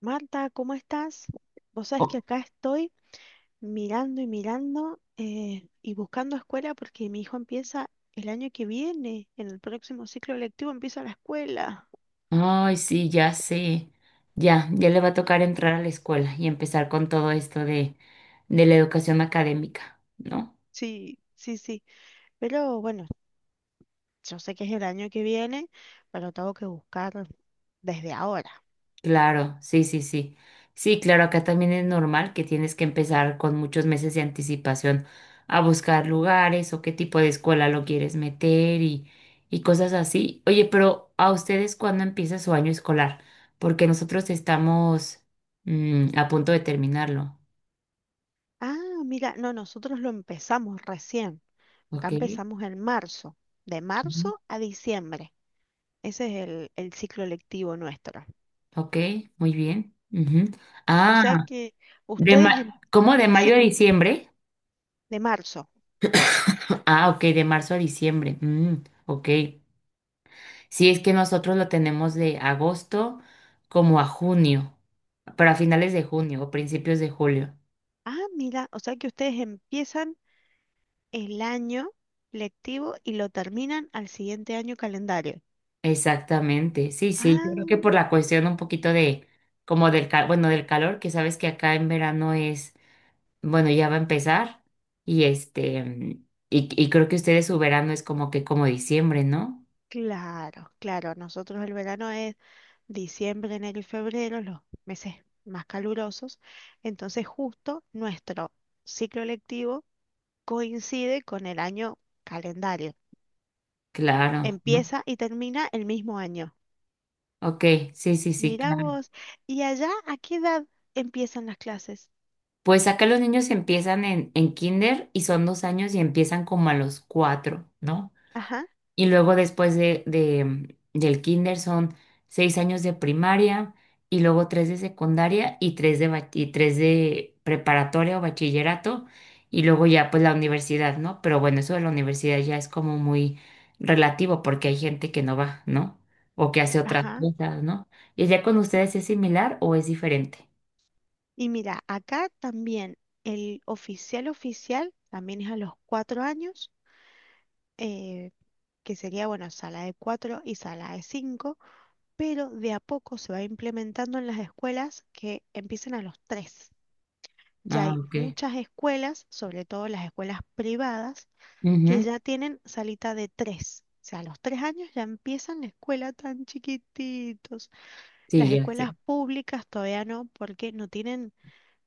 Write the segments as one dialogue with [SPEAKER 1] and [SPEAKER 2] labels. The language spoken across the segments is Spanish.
[SPEAKER 1] Marta, ¿cómo estás? Vos sabés que
[SPEAKER 2] O-
[SPEAKER 1] acá estoy mirando y mirando y buscando escuela porque mi hijo empieza el año que viene, en el próximo ciclo lectivo empieza la escuela.
[SPEAKER 2] Ay, sí, ya sé. Ya, ya le va a tocar entrar a la escuela y empezar con todo esto de la educación académica, ¿no?
[SPEAKER 1] Sí, sí, sí. Pero bueno, yo sé que es el año que viene, pero tengo que buscar desde ahora.
[SPEAKER 2] Claro, sí, sí, sí. Sí, claro, acá también es normal que tienes que empezar con muchos meses de anticipación a buscar lugares o qué tipo de escuela lo quieres meter y cosas así. Oye, pero ¿a ustedes cuándo empieza su año escolar? Porque nosotros estamos a punto de terminarlo,
[SPEAKER 1] Ah, mira, no, nosotros lo empezamos recién. Acá
[SPEAKER 2] ¿ok?
[SPEAKER 1] empezamos en marzo, de marzo a diciembre. Ese es el ciclo lectivo nuestro.
[SPEAKER 2] Ok, muy bien. Ujú.
[SPEAKER 1] O
[SPEAKER 2] Ah,
[SPEAKER 1] sea que ustedes empiezan
[SPEAKER 2] ¿cómo de mayo a diciembre?
[SPEAKER 1] de marzo.
[SPEAKER 2] Ah, ok, de marzo a diciembre. Mm, ok. Sí, es que nosotros lo tenemos de agosto como a junio, pero a finales de junio o principios de julio.
[SPEAKER 1] Ah, mira, o sea que ustedes empiezan el año lectivo y lo terminan al siguiente año calendario.
[SPEAKER 2] Exactamente. Sí, sí, yo creo que
[SPEAKER 1] Ah,
[SPEAKER 2] por la cuestión un poquito de, como bueno, del calor, que sabes que acá en verano es, bueno, ya va a empezar y este, y creo que ustedes su verano es como que como diciembre, ¿no?
[SPEAKER 1] claro, claro. Nosotros el verano es diciembre, enero y febrero, los meses más calurosos. Entonces justo nuestro ciclo lectivo coincide con el año calendario.
[SPEAKER 2] Claro, ¿no?
[SPEAKER 1] Empieza y termina el mismo año.
[SPEAKER 2] Ok, sí, sí, sí,
[SPEAKER 1] Mira
[SPEAKER 2] claro.
[SPEAKER 1] vos. ¿Y allá a qué edad empiezan las clases?
[SPEAKER 2] Pues acá los niños empiezan en kinder y son 2 años y empiezan como a los 4, ¿no?
[SPEAKER 1] Ajá,
[SPEAKER 2] Y luego después del kinder son 6 años de primaria y luego tres de secundaria y y tres de preparatoria o bachillerato y luego ya pues la universidad, ¿no? Pero bueno, eso de la universidad ya es como muy relativo porque hay gente que no va, ¿no? O que hace otras
[SPEAKER 1] ajá.
[SPEAKER 2] cosas, ¿no? ¿Y ya con ustedes es similar o es diferente?
[SPEAKER 1] Y mira, acá también el oficial oficial también es a los 4 años, eh, que sería, bueno, sala de cuatro y sala de cinco, pero de a poco se va implementando en las escuelas que empiecen a los tres. Ya
[SPEAKER 2] Ah,
[SPEAKER 1] hay
[SPEAKER 2] ok.
[SPEAKER 1] muchas escuelas, sobre todo las escuelas privadas, que
[SPEAKER 2] Ujú.
[SPEAKER 1] ya tienen salita de tres. O sea, a los 3 años ya empiezan la escuela tan chiquititos.
[SPEAKER 2] Sí,
[SPEAKER 1] Las
[SPEAKER 2] ya
[SPEAKER 1] escuelas
[SPEAKER 2] sé.
[SPEAKER 1] públicas todavía no, porque no tienen.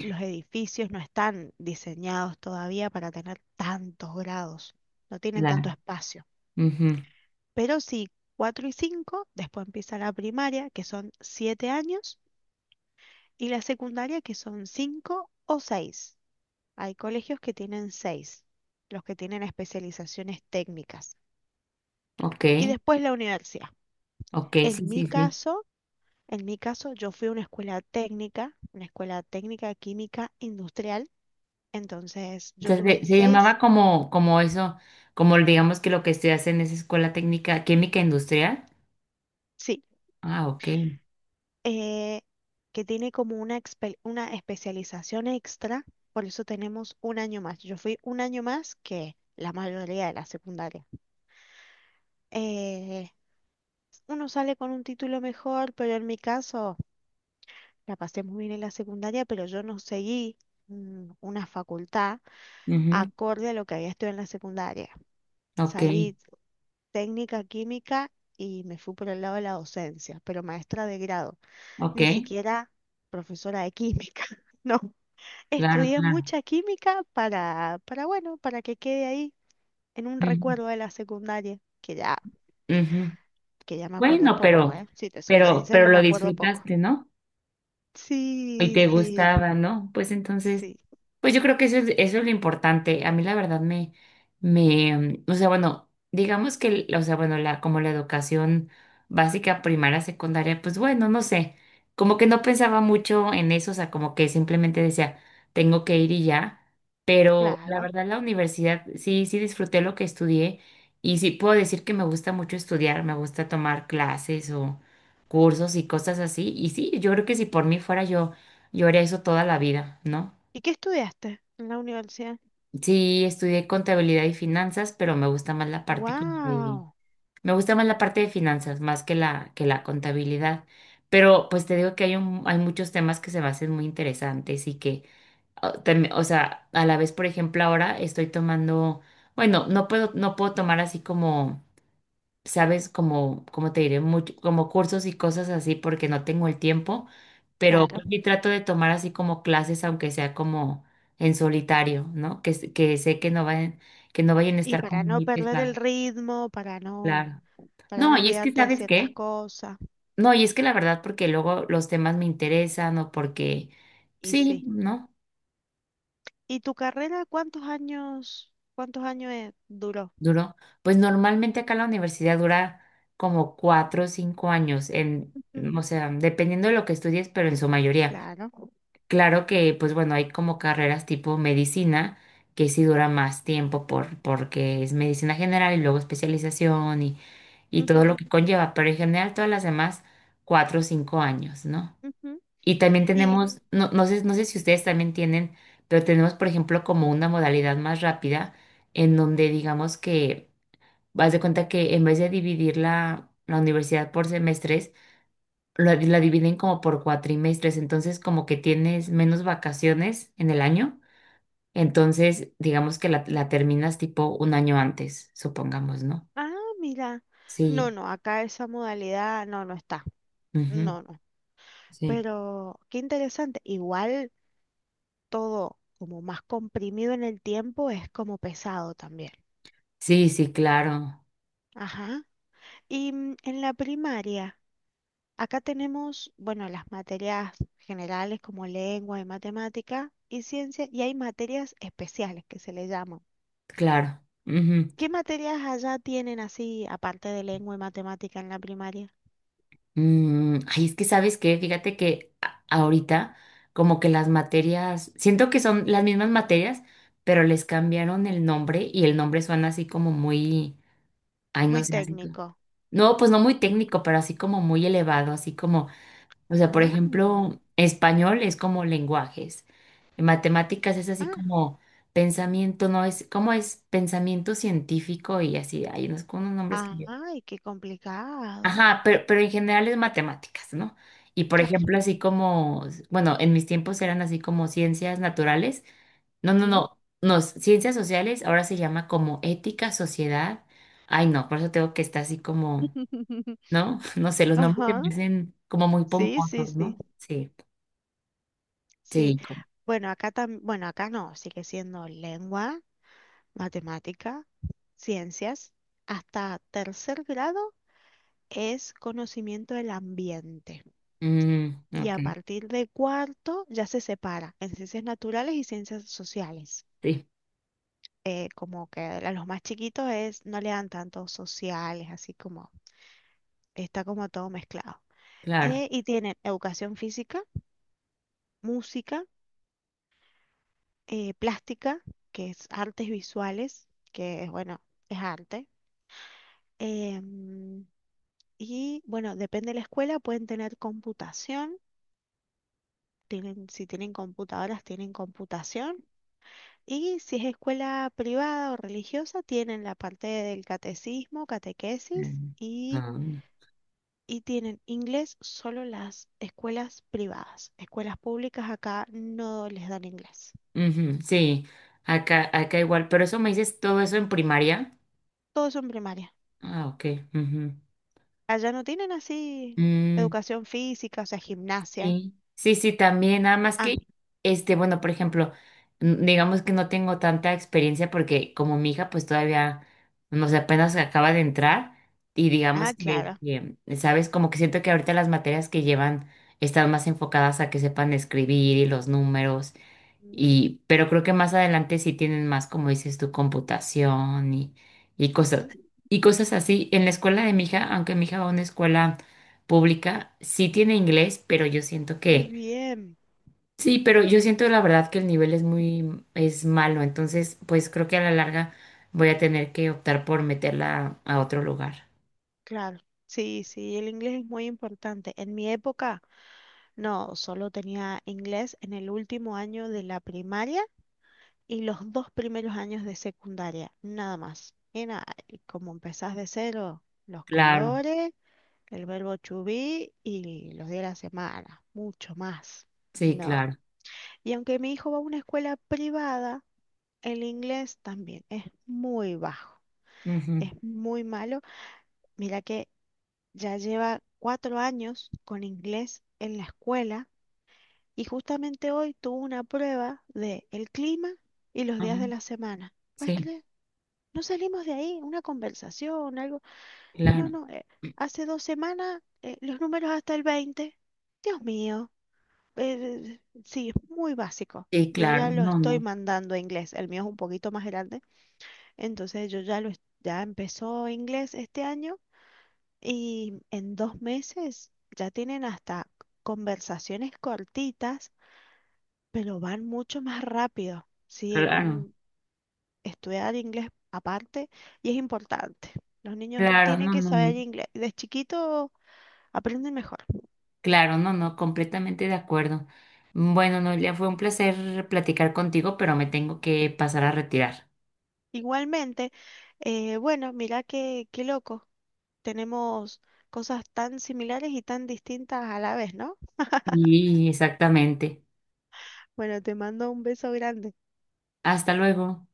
[SPEAKER 1] Los edificios no están diseñados todavía para tener tantos grados, no tienen tanto
[SPEAKER 2] Claro.
[SPEAKER 1] espacio.
[SPEAKER 2] Ujú.
[SPEAKER 1] Pero sí, 4 y 5, después empieza la primaria, que son 7 años, y la secundaria, que son 5 o 6. Hay colegios que tienen 6, los que tienen especializaciones técnicas.
[SPEAKER 2] Ok,
[SPEAKER 1] Y después la universidad.
[SPEAKER 2] ok, sí,
[SPEAKER 1] En mi
[SPEAKER 2] sí, sí.
[SPEAKER 1] caso, en mi caso, yo fui a una escuela técnica química industrial, entonces yo tuve
[SPEAKER 2] Entonces, se llamaba
[SPEAKER 1] seis.
[SPEAKER 2] como, como eso, como digamos que lo que estudias en esa escuela técnica química industrial.
[SPEAKER 1] Sí.
[SPEAKER 2] Ah, ok.
[SPEAKER 1] eh, que tiene como una especialización extra, por eso tenemos un año más. Yo fui un año más que la mayoría de la secundaria. Eh, Uno sale con un título mejor, pero en mi caso la pasé muy bien en la secundaria, pero yo no seguí una facultad
[SPEAKER 2] Ujú,
[SPEAKER 1] acorde a lo que había estudiado en la secundaria.
[SPEAKER 2] ok,
[SPEAKER 1] Salí técnica química y me fui por el lado de la docencia, pero maestra de grado,
[SPEAKER 2] ok,
[SPEAKER 1] ni siquiera profesora de química, ¿no?
[SPEAKER 2] claro,
[SPEAKER 1] Estudié
[SPEAKER 2] claro.
[SPEAKER 1] mucha química para, bueno, para que quede ahí en un
[SPEAKER 2] Ujú,
[SPEAKER 1] recuerdo de la secundaria, que ya,
[SPEAKER 2] ujú.
[SPEAKER 1] que ya me acuerdo
[SPEAKER 2] Bueno,
[SPEAKER 1] poco, ¿eh? Si te soy
[SPEAKER 2] pero
[SPEAKER 1] sincera, me
[SPEAKER 2] lo
[SPEAKER 1] acuerdo poco.
[SPEAKER 2] disfrutaste, ¿no? Y
[SPEAKER 1] Sí,
[SPEAKER 2] te
[SPEAKER 1] sí,
[SPEAKER 2] gustaba, ¿no? Pues entonces,
[SPEAKER 1] sí,
[SPEAKER 2] pues yo creo que eso es lo importante. A mí la verdad me, o sea, bueno, digamos que, o sea, bueno, como la educación básica, primaria, secundaria, pues bueno, no sé, como que no pensaba mucho en eso, o sea, como que simplemente decía, tengo que ir y ya, pero la
[SPEAKER 1] claro.
[SPEAKER 2] verdad la universidad, sí, sí disfruté lo que estudié y sí puedo decir que me gusta mucho estudiar, me gusta tomar clases o cursos y cosas así, y sí, yo creo que si por mí fuera yo haré eso toda la vida, ¿no?
[SPEAKER 1] ¿Y qué estudiaste en la universidad?
[SPEAKER 2] Sí, estudié contabilidad y finanzas, pero me gusta más la parte
[SPEAKER 1] Wow,
[SPEAKER 2] me gusta más la parte de finanzas más que la contabilidad. Pero pues te digo que hay muchos temas que se me hacen muy interesantes y que o sea, a la vez, por ejemplo, ahora estoy tomando, bueno, no puedo tomar así como sabes, como te diré, mucho, como cursos y cosas así porque no tengo el tiempo, pero pues
[SPEAKER 1] claro.
[SPEAKER 2] sí trato de tomar así como clases, aunque sea como en solitario, ¿no? Que, que sé que no vayan a
[SPEAKER 1] Y
[SPEAKER 2] estar
[SPEAKER 1] para
[SPEAKER 2] como
[SPEAKER 1] no
[SPEAKER 2] muy
[SPEAKER 1] perder el
[SPEAKER 2] pesadas,
[SPEAKER 1] ritmo, para no,
[SPEAKER 2] claro.
[SPEAKER 1] para
[SPEAKER 2] No,
[SPEAKER 1] no
[SPEAKER 2] y es que,
[SPEAKER 1] olvidarte de
[SPEAKER 2] ¿sabes
[SPEAKER 1] ciertas
[SPEAKER 2] qué?
[SPEAKER 1] cosas.
[SPEAKER 2] No, y es que la verdad, porque luego los temas me interesan o porque,
[SPEAKER 1] Y
[SPEAKER 2] sí,
[SPEAKER 1] sí.
[SPEAKER 2] ¿no?
[SPEAKER 1] ¿Y tu carrera cuántos años duró?
[SPEAKER 2] Duró. Pues normalmente acá la universidad dura como 4 o 5 años,
[SPEAKER 1] Ujú,
[SPEAKER 2] o sea, dependiendo de lo que estudies, pero en su mayoría.
[SPEAKER 1] claro.
[SPEAKER 2] Claro que, pues bueno, hay como carreras tipo medicina que sí dura más tiempo porque es medicina general y luego especialización y todo lo
[SPEAKER 1] Ujú,
[SPEAKER 2] que conlleva, pero en general todas las demás, 4 o 5 años, ¿no?
[SPEAKER 1] ujú.
[SPEAKER 2] Y también
[SPEAKER 1] Y
[SPEAKER 2] tenemos, no, no sé si ustedes también tienen, pero tenemos, por ejemplo, como una modalidad más rápida en donde digamos que vas de cuenta que en vez de dividir la universidad por semestres, la dividen como por cuatrimestres, entonces como que tienes menos vacaciones en el año, entonces digamos que la terminas tipo un año antes, supongamos, ¿no?
[SPEAKER 1] Ah, mira. No,
[SPEAKER 2] Sí,
[SPEAKER 1] no, acá esa modalidad no, no está.
[SPEAKER 2] ujú,
[SPEAKER 1] No, no.
[SPEAKER 2] sí,
[SPEAKER 1] Pero qué interesante. Igual todo como más comprimido en el tiempo es como pesado también.
[SPEAKER 2] sí, sí, claro,
[SPEAKER 1] Ajá. Y en la primaria, acá tenemos, bueno, las materias generales como lengua y matemática y ciencia, y hay materias especiales que se le llaman.
[SPEAKER 2] claro. Ujú.
[SPEAKER 1] ¿Qué materias allá tienen así, aparte de lengua y matemática en la primaria?
[SPEAKER 2] Mm, ay, es que sabes qué, fíjate que ahorita como que las materias, siento que son las mismas materias, pero les cambiaron el nombre y el nombre suena así como muy, ay, no
[SPEAKER 1] Muy
[SPEAKER 2] sé, así.
[SPEAKER 1] técnico.
[SPEAKER 2] No, pues no muy técnico, pero así como muy elevado, así como, o sea, por ejemplo, español es como lenguajes, matemáticas es así
[SPEAKER 1] Ah,
[SPEAKER 2] como pensamiento, no es, como es pensamiento científico y así, hay unos, con unos nombres que yo.
[SPEAKER 1] ay, qué complicado.
[SPEAKER 2] Ajá, pero en general es matemáticas, ¿no? Y por
[SPEAKER 1] Claro.
[SPEAKER 2] ejemplo, así como, bueno, en mis tiempos eran así como ciencias naturales, no, no,
[SPEAKER 1] Mm.
[SPEAKER 2] no, no, ciencias sociales ahora se llama como ética, sociedad, ay no, por eso tengo que estar así como... ¿no? No sé, los nombres me
[SPEAKER 1] Ajá.
[SPEAKER 2] parecen como muy
[SPEAKER 1] Sí, sí,
[SPEAKER 2] pomposos,
[SPEAKER 1] sí.
[SPEAKER 2] ¿no? Sí,
[SPEAKER 1] Sí.
[SPEAKER 2] sí, como,
[SPEAKER 1] Bueno, acá no, sigue siendo lengua, matemática, ciencias. Hasta tercer grado es conocimiento del ambiente.
[SPEAKER 2] mm,
[SPEAKER 1] Y
[SPEAKER 2] ok,
[SPEAKER 1] a partir de cuarto ya se separa en ciencias naturales y ciencias sociales.
[SPEAKER 2] sí,
[SPEAKER 1] Como que a los más chiquitos es, no le dan tanto sociales, así como está como todo mezclado.
[SPEAKER 2] claro.
[SPEAKER 1] Y tienen educación física, música, plástica, que es artes visuales, que es, bueno, es arte. em, y bueno, depende de la escuela, pueden tener computación, si tienen computadoras, tienen computación. Y si es escuela privada o religiosa, tienen la parte del catecismo, catequesis
[SPEAKER 2] Mm,
[SPEAKER 1] y,
[SPEAKER 2] ah, bueno.
[SPEAKER 1] y tienen inglés solo las escuelas privadas. Escuelas públicas acá no les dan inglés.
[SPEAKER 2] Ujú, sí, acá igual, pero eso me dices todo eso en primaria.
[SPEAKER 1] Todos son primarias.
[SPEAKER 2] Ah, ok. Ujú.
[SPEAKER 1] Allá no tienen así
[SPEAKER 2] Mm,
[SPEAKER 1] educación física, o sea, gimnasia.
[SPEAKER 2] sí, sí, sí, también, nada más
[SPEAKER 1] Ah,
[SPEAKER 2] que, este, bueno, por ejemplo, digamos que no tengo tanta experiencia porque como mi hija pues todavía, no sé, apenas acaba de entrar y digamos
[SPEAKER 1] ah,
[SPEAKER 2] que,
[SPEAKER 1] claro.
[SPEAKER 2] que, ¿sabes? Como que siento que ahorita las materias que llevan están más enfocadas a que sepan escribir y los números
[SPEAKER 1] Mm,
[SPEAKER 2] y, pero creo que más adelante sí tienen más, como dices tu computación y cosas,
[SPEAKER 1] ujú.
[SPEAKER 2] y cosas así. En la escuela de mi hija, aunque mi hija va a una escuela pública, sí tiene inglés, pero yo siento
[SPEAKER 1] Qué
[SPEAKER 2] que,
[SPEAKER 1] bien.
[SPEAKER 2] sí, pero yo siento la verdad que el nivel es es malo. Entonces, pues creo que a la larga voy a tener que optar por meterla a otro lugar.
[SPEAKER 1] Claro. Sí, sí, el inglés es muy importante. En mi época, no, solo tenía inglés en el último año de la primaria y los 2 primeros años de secundaria, nada más. Y nada, y como empezás de cero, los
[SPEAKER 2] Claro,
[SPEAKER 1] colores, el verbo to be y los días de la semana, mucho más.
[SPEAKER 2] sí,
[SPEAKER 1] No.
[SPEAKER 2] claro.
[SPEAKER 1] Y aunque mi hijo va a una escuela privada, el inglés también es muy bajo,
[SPEAKER 2] Ujú,
[SPEAKER 1] es muy malo. Mira que ya lleva 4 años con inglés en la escuela y justamente hoy tuvo una prueba de el clima y los días de
[SPEAKER 2] ujú,
[SPEAKER 1] la semana. ¿Puedes
[SPEAKER 2] sí,
[SPEAKER 1] creer? No salimos de ahí, una conversación, algo. No,
[SPEAKER 2] claro.
[SPEAKER 1] no, hace 2 semanas los números hasta el 20. Dios mío, sí, es muy básico.
[SPEAKER 2] Sí,
[SPEAKER 1] Yo ya
[SPEAKER 2] claro.
[SPEAKER 1] lo
[SPEAKER 2] No,
[SPEAKER 1] estoy
[SPEAKER 2] no.
[SPEAKER 1] mandando a inglés, el mío es un poquito más grande. Entonces yo ya lo es- ya empezó inglés este año y en 2 meses ya tienen hasta conversaciones cortitas, pero van mucho más rápido. Sí, en
[SPEAKER 2] Claro,
[SPEAKER 1] un estudiar inglés aparte y es importante. Los niños
[SPEAKER 2] claro,
[SPEAKER 1] tienen
[SPEAKER 2] no,
[SPEAKER 1] que
[SPEAKER 2] no, no.
[SPEAKER 1] saber inglés. De chiquito aprenden mejor.
[SPEAKER 2] Claro, no, no, completamente de acuerdo. Bueno, Noelia, fue un placer platicar contigo, pero me tengo que pasar a retirar.
[SPEAKER 1] Igualmente, bueno, mira qué loco. Tenemos cosas tan similares y tan distintas a la vez, ¿no?
[SPEAKER 2] Y exactamente.
[SPEAKER 1] Bueno, te mando un beso grande.
[SPEAKER 2] Hasta luego.